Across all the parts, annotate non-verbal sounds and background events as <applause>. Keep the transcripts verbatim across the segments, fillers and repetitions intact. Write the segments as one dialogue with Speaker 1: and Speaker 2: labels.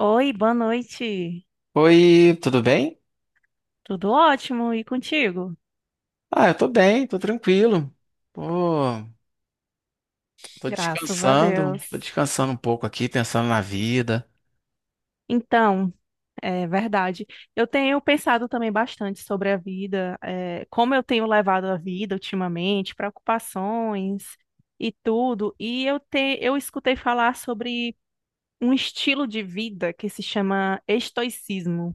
Speaker 1: Oi, boa noite.
Speaker 2: Oi, tudo bem?
Speaker 1: Tudo ótimo e contigo?
Speaker 2: Ah, eu tô bem, tô tranquilo. Pô, tô
Speaker 1: Graças a
Speaker 2: descansando, tô
Speaker 1: Deus.
Speaker 2: descansando um pouco aqui, pensando na vida.
Speaker 1: Então, é verdade. Eu tenho pensado também bastante sobre a vida, é, como eu tenho levado a vida ultimamente, preocupações e tudo. E eu te, eu escutei falar sobre um estilo de vida que se chama estoicismo,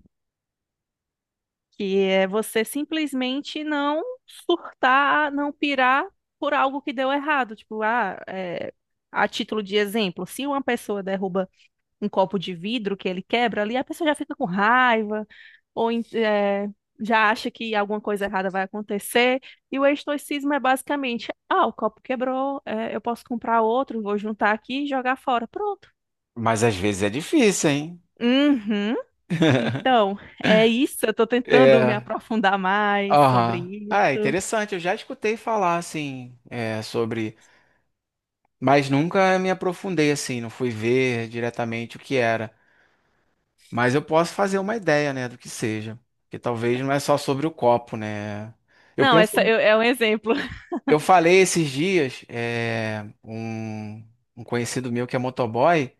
Speaker 1: que é você simplesmente não surtar, não pirar por algo que deu errado. Tipo, ah, é, a título de exemplo, se uma pessoa derruba um copo de vidro que ele quebra ali, a pessoa já fica com raiva, ou en- é, já acha que alguma coisa errada vai acontecer. E o estoicismo é basicamente, ah, o copo quebrou, é, eu posso comprar outro, vou juntar aqui e jogar fora. Pronto.
Speaker 2: Mas às vezes é difícil, hein?
Speaker 1: Uhum. Então, é isso. Eu estou tentando me
Speaker 2: É,
Speaker 1: aprofundar mais sobre
Speaker 2: aham. Ah, é
Speaker 1: isso.
Speaker 2: interessante, eu já escutei falar, assim, é, sobre... Mas nunca me aprofundei, assim, não fui ver diretamente o que era. Mas eu posso fazer uma ideia, né, do que seja. Porque talvez não é só sobre o copo, né? Eu
Speaker 1: Não,
Speaker 2: penso
Speaker 1: essa eu- é um exemplo.
Speaker 2: Eu falei esses dias, é, um, um conhecido meu que é motoboy,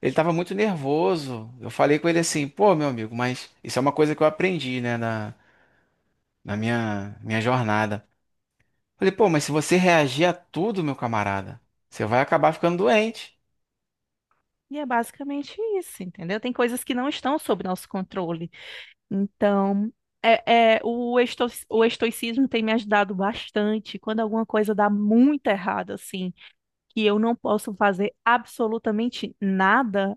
Speaker 2: ele tava muito nervoso. Eu falei com ele assim, pô, meu amigo, mas isso é uma coisa que eu aprendi, né, na, na minha, minha jornada. Falei, pô, mas se você reagir a tudo, meu camarada, você vai acabar ficando doente.
Speaker 1: E é basicamente isso, entendeu? Tem coisas que não estão sob nosso controle. Então, é, é, o esto- o estoicismo tem me ajudado bastante quando alguma coisa dá muito errado, assim, que eu não posso fazer absolutamente nada.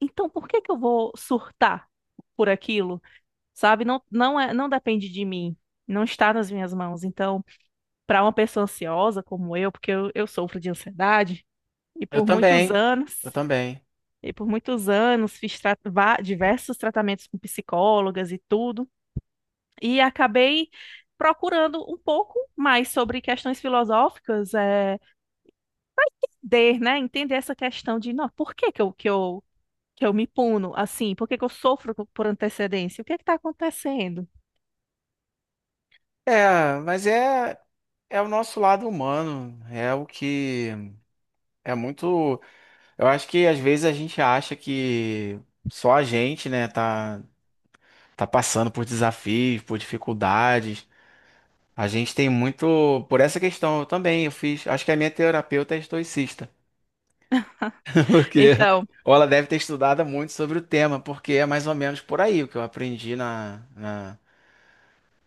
Speaker 1: Então, por que que eu vou surtar por aquilo? Sabe? Não, não é, não depende de mim. Não está nas minhas mãos. Então, para uma pessoa ansiosa como eu, porque eu eu sofro de ansiedade, e
Speaker 2: Eu
Speaker 1: por muitos
Speaker 2: também, eu
Speaker 1: anos.
Speaker 2: também.
Speaker 1: E por muitos anos fiz tra- va- diversos tratamentos com psicólogas e tudo, e acabei procurando um pouco mais sobre questões filosóficas, é, de, né, entender essa questão de, não, por que que eu, que eu, que eu me puno assim? Por que que eu sofro co- por antecedência? O que está acontecendo?
Speaker 2: É, mas é, é o nosso lado humano, é o que é muito. Eu acho que às vezes a gente acha que só a gente, né, tá. tá passando por desafios, por dificuldades. A gente tem muito. Por essa questão eu também, eu fiz. Acho que a minha terapeuta é estoicista. <laughs> Porque.
Speaker 1: Então,
Speaker 2: Ou ela deve ter estudado muito sobre o tema, porque é mais ou menos por aí o que eu aprendi na, na,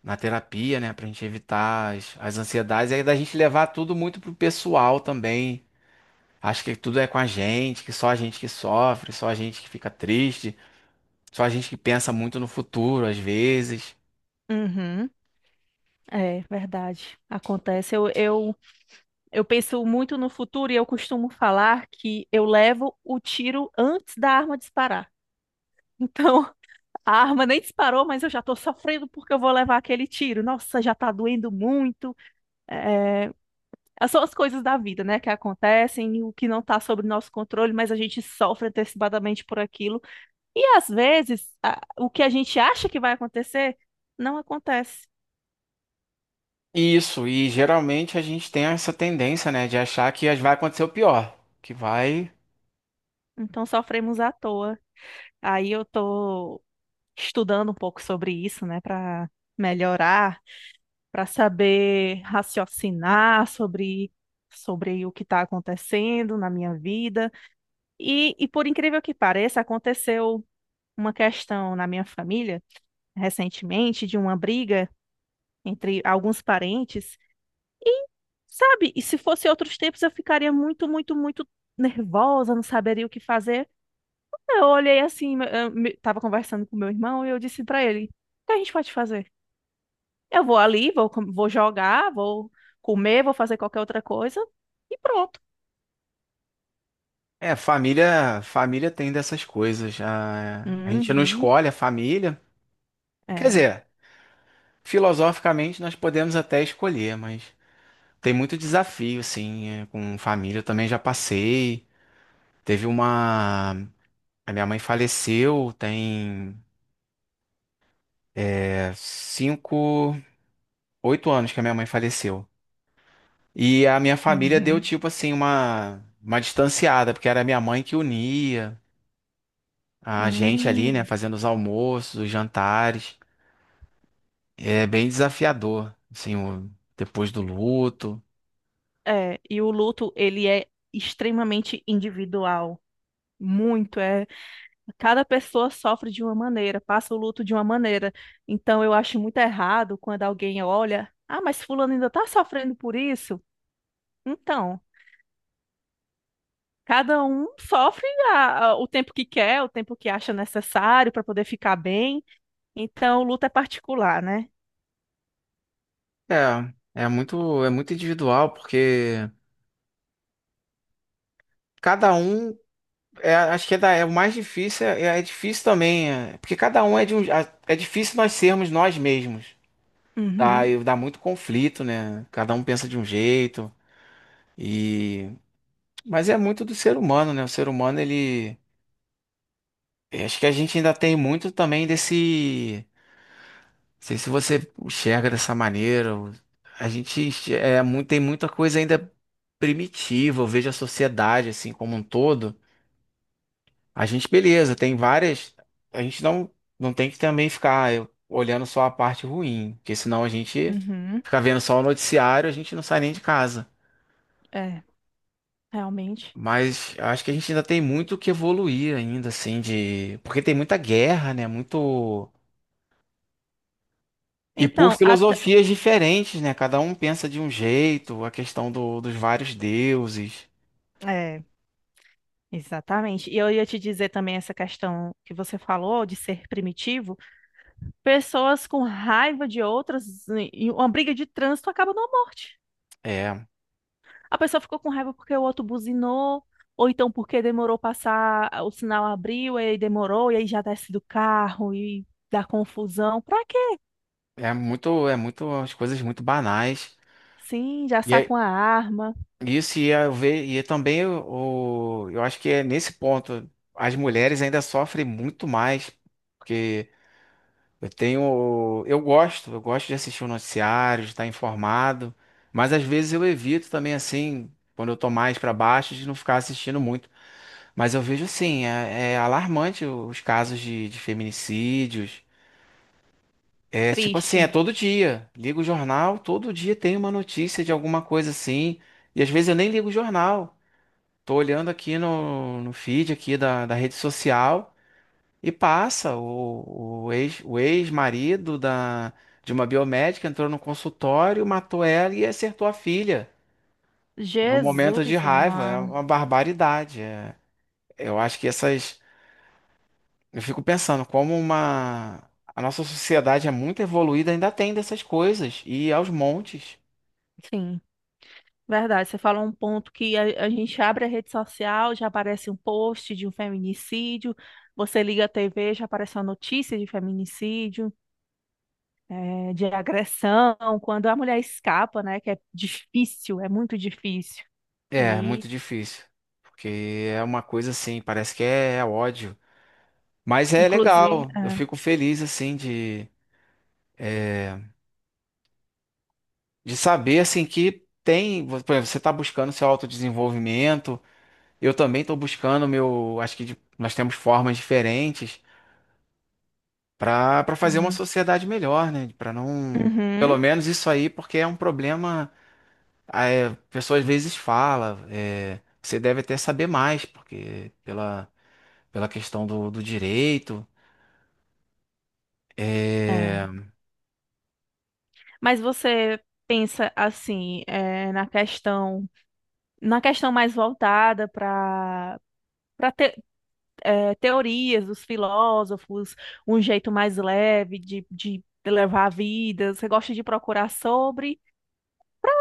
Speaker 2: na terapia, né? Pra gente evitar as, as ansiedades. E aí da gente levar tudo muito pro pessoal também. Acho que tudo é com a gente, que só a gente que sofre, só a gente que fica triste, só a gente que pensa muito no futuro, às vezes.
Speaker 1: uhum, é verdade, acontece. Eu, eu, eu penso muito no futuro e eu costumo falar que eu levo o tiro antes da arma disparar. <laughs> Então, a arma nem disparou, mas eu já estou sofrendo porque eu vou levar aquele tiro. Nossa, já está doendo muito. É, é, São as coisas da vida, né, que acontecem, o que não está sob nosso controle, mas a gente sofre antecipadamente por aquilo. E às vezes, a- o que a gente acha que vai acontecer, não acontece.
Speaker 2: Isso, e geralmente a gente tem essa tendência, né, de achar que as- vai acontecer o pior, que vai...
Speaker 1: Então sofremos à toa. Aí eu estou estudando um pouco sobre isso, né, para melhorar, para saber raciocinar sobre sobre o que está acontecendo na minha vida. E, e por incrível que pareça, aconteceu uma questão na minha família recentemente de uma briga entre alguns parentes. E, sabe, e se fosse outros tempos eu ficaria muito, muito, muito nervosa, não saberia o que fazer. Eu olhei assim, me- eu me- tava conversando com meu irmão e eu disse pra ele: O que a gente pode fazer? Eu vou ali, vou, com- vou jogar, vou comer, vou fazer qualquer outra coisa e pronto.
Speaker 2: É, família, família tem dessas coisas, a, a gente não
Speaker 1: Uhum,
Speaker 2: escolhe a família, quer
Speaker 1: é.
Speaker 2: dizer, filosoficamente nós podemos até escolher, mas tem muito desafio, assim, é, com família, eu também já passei, teve uma... A minha mãe faleceu, tem é, cinco, oito anos que a minha mãe faleceu. E a minha família deu
Speaker 1: Uhum.
Speaker 2: tipo assim uma uma distanciada, porque era minha mãe que unia a gente ali, né,
Speaker 1: Hum.
Speaker 2: fazendo os almoços, os jantares. É bem desafiador, assim, o- depois do luto.
Speaker 1: É, e o luto, ele é extremamente individual. Muito, é. Cada pessoa sofre de uma maneira, passa o luto de uma maneira. Então, eu acho muito errado quando alguém olha, ah, mas fulano ainda tá sofrendo por isso? Então, cada um sofre a- a- o tempo que quer, o tempo que acha necessário para poder ficar bem. Então, o luto é particular, né?
Speaker 2: É, é muito é muito individual, porque cada um é, acho que é, da, é o mais difícil, é, é difícil também, é, porque cada um é de um, é é difícil nós sermos nós mesmos. Dá,
Speaker 1: Uhum,
Speaker 2: dá muito conflito, né? Cada um pensa de um jeito. E Mas é muito do ser humano, né? O ser humano, ele. eu Acho que a gente ainda tem muito também desse. Não sei se você enxerga dessa maneira. ou- A gente enx- é, muito, tem muita coisa ainda primitiva. Eu vejo a sociedade, assim, como um todo. A gente, beleza, tem várias. A gente não, não tem que também ficar eu, olhando só a parte ruim, porque senão a gente
Speaker 1: uhum,
Speaker 2: fica vendo só o noticiário, a gente não sai nem de casa.
Speaker 1: é, realmente.
Speaker 2: Mas acho que a gente ainda tem muito que evoluir ainda, assim, de. Porque tem muita guerra, né? Muito. E por
Speaker 1: Então,
Speaker 2: filosofias diferentes, né? Cada um pensa de um jeito, a questão do- dos vários deuses.
Speaker 1: até, exatamente. E eu ia te dizer também essa questão que você falou de ser primitivo. Pessoas com raiva de outras, em uma briga de trânsito acaba numa morte.
Speaker 2: É,
Speaker 1: A pessoa ficou com raiva porque o outro buzinou, ou então porque demorou passar, o sinal abriu e aí demorou, e aí já desce do carro e dá confusão. Pra quê?
Speaker 2: é muito, é muito, as coisas muito banais.
Speaker 1: Sim, já
Speaker 2: E
Speaker 1: saca
Speaker 2: é,
Speaker 1: uma arma.
Speaker 2: isso ia ver, e também o, eu acho que é nesse ponto as mulheres ainda sofrem muito mais, porque Eu tenho, eu gosto, eu gosto de assistir o noticiário, de estar informado, mas às vezes eu evito também assim, quando eu tô mais para baixo, de não ficar assistindo muito. Mas eu vejo assim, é, é alarmante os casos de, de feminicídios. É tipo assim, é
Speaker 1: Triste.
Speaker 2: todo dia. Ligo o jornal, todo dia tem uma notícia de alguma coisa assim. E às vezes eu nem ligo o jornal. Tô olhando aqui no, no feed aqui da, da rede social. E passa, o, o ex, o ex-marido da, de uma biomédica entrou no consultório, matou ela e acertou a filha. Num momento de
Speaker 1: Jesus,
Speaker 2: raiva, é
Speaker 1: mano.
Speaker 2: uma barbaridade. é. Eu acho que essas. Eu fico pensando como uma. A nossa sociedade é muito evoluída, ainda tem dessas coisas, e aos montes.
Speaker 1: Sim. Verdade, você falou um ponto que a, a gente abre a rede social, já aparece um post de um feminicídio, você liga a T V, já aparece uma notícia de feminicídio, eh, de agressão, quando a mulher escapa, né, que é difícil, é muito difícil.
Speaker 2: É,
Speaker 1: E,
Speaker 2: muito difícil. Porque é uma coisa assim, parece que é, ódio. Mas é
Speaker 1: inclusive,
Speaker 2: legal, eu
Speaker 1: é,
Speaker 2: fico feliz assim de de saber assim que tem, por exemplo, você está buscando seu autodesenvolvimento, eu também estou buscando meu, acho que de- nós temos formas diferentes para para fazer uma
Speaker 1: sim.
Speaker 2: sociedade melhor, né? Para não, pelo
Speaker 1: Uhum,
Speaker 2: menos isso aí, porque é um problema, a é, pessoa às vezes fala, é, você deve até saber mais, porque pela pela questão do, do direito,
Speaker 1: é.
Speaker 2: é,
Speaker 1: Mas você pensa assim, eh, na questão, na questão mais voltada para eh, teorias dos filósofos, um jeito mais leve de, de levar a vida, você gosta de procurar sobre,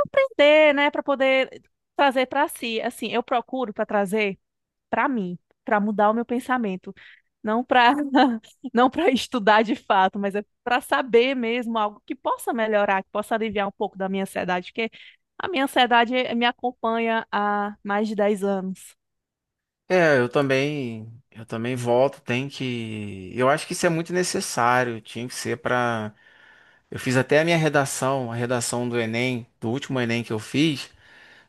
Speaker 1: entender, né, para poder trazer para si. Assim, eu procuro para trazer para mim, para mudar o meu pensamento, não para <laughs> não para estudar de fato, mas é para saber mesmo algo que possa melhorar, que possa aliviar um pouco da minha ansiedade, porque a minha ansiedade me acompanha há mais de dez anos.
Speaker 2: é, eu também, eu também, volto, tem que, eu acho que isso é muito necessário, tinha que ser para Eu fiz até a minha redação, a redação do Enem, do último Enem que eu fiz,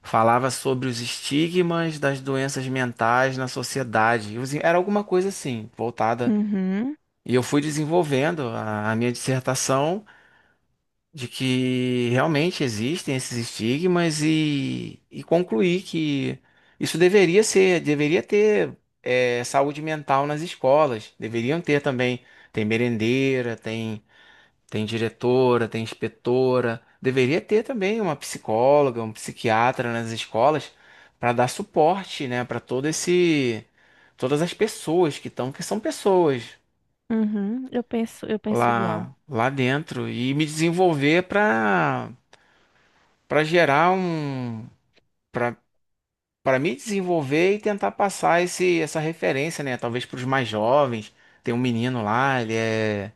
Speaker 2: falava sobre os estigmas das doenças mentais na sociedade. E os- Era alguma coisa assim, voltada.
Speaker 1: Uhum,
Speaker 2: E eu fui desenvolvendo a, a minha dissertação de que realmente existem esses estigmas e, e concluí que isso deveria ser, deveria ter eh, saúde mental nas escolas, deveriam ter também. Tem merendeira, tem. Tem diretora, tem inspetora. Deveria ter também uma psicóloga, um psiquiatra nas escolas para dar suporte, né, para todo esse todas as pessoas que estão, que são pessoas
Speaker 1: uhum, eu penso, eu penso igual.
Speaker 2: lá lá dentro e me desenvolver para para gerar um para para me desenvolver e tentar passar esse essa referência, né, talvez para os mais jovens. Tem um menino lá, ele é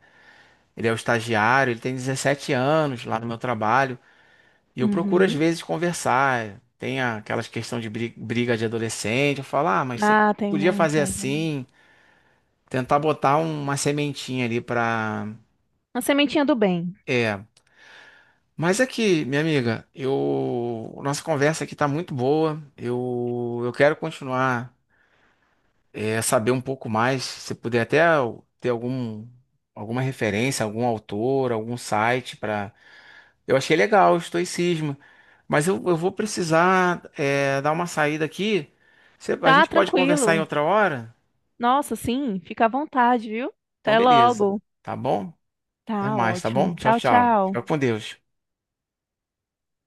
Speaker 2: ele é o estagiário, ele tem dezessete anos lá no meu trabalho. E eu procuro às
Speaker 1: Uhum.
Speaker 2: vezes conversar. Tem a- aquelas questões de bri- briga de adolescente. Eu falo, ah, mas você
Speaker 1: Ah, tem
Speaker 2: podia fazer
Speaker 1: muita.
Speaker 2: assim, tentar botar um- uma sementinha ali pra.
Speaker 1: Uma sementinha do bem.
Speaker 2: É. Mas aqui, minha amiga, eu. Nossa conversa aqui tá muito boa. Eu, eu quero continuar, é, saber um pouco mais. Se puder até ter algum, alguma referência, algum autor, algum site para Eu achei legal o estoicismo, mas eu, eu vou precisar é, dar uma saída aqui. Você- a
Speaker 1: Tá
Speaker 2: gente pode conversar em
Speaker 1: tranquilo.
Speaker 2: outra hora?
Speaker 1: Nossa, sim, fica à vontade, viu?
Speaker 2: Então,
Speaker 1: Até
Speaker 2: beleza.
Speaker 1: logo.
Speaker 2: Tá bom? Até
Speaker 1: Tá
Speaker 2: mais, tá
Speaker 1: ótimo.
Speaker 2: bom? Tchau,
Speaker 1: Tchau,
Speaker 2: tchau.
Speaker 1: tchau.
Speaker 2: Fica com Deus.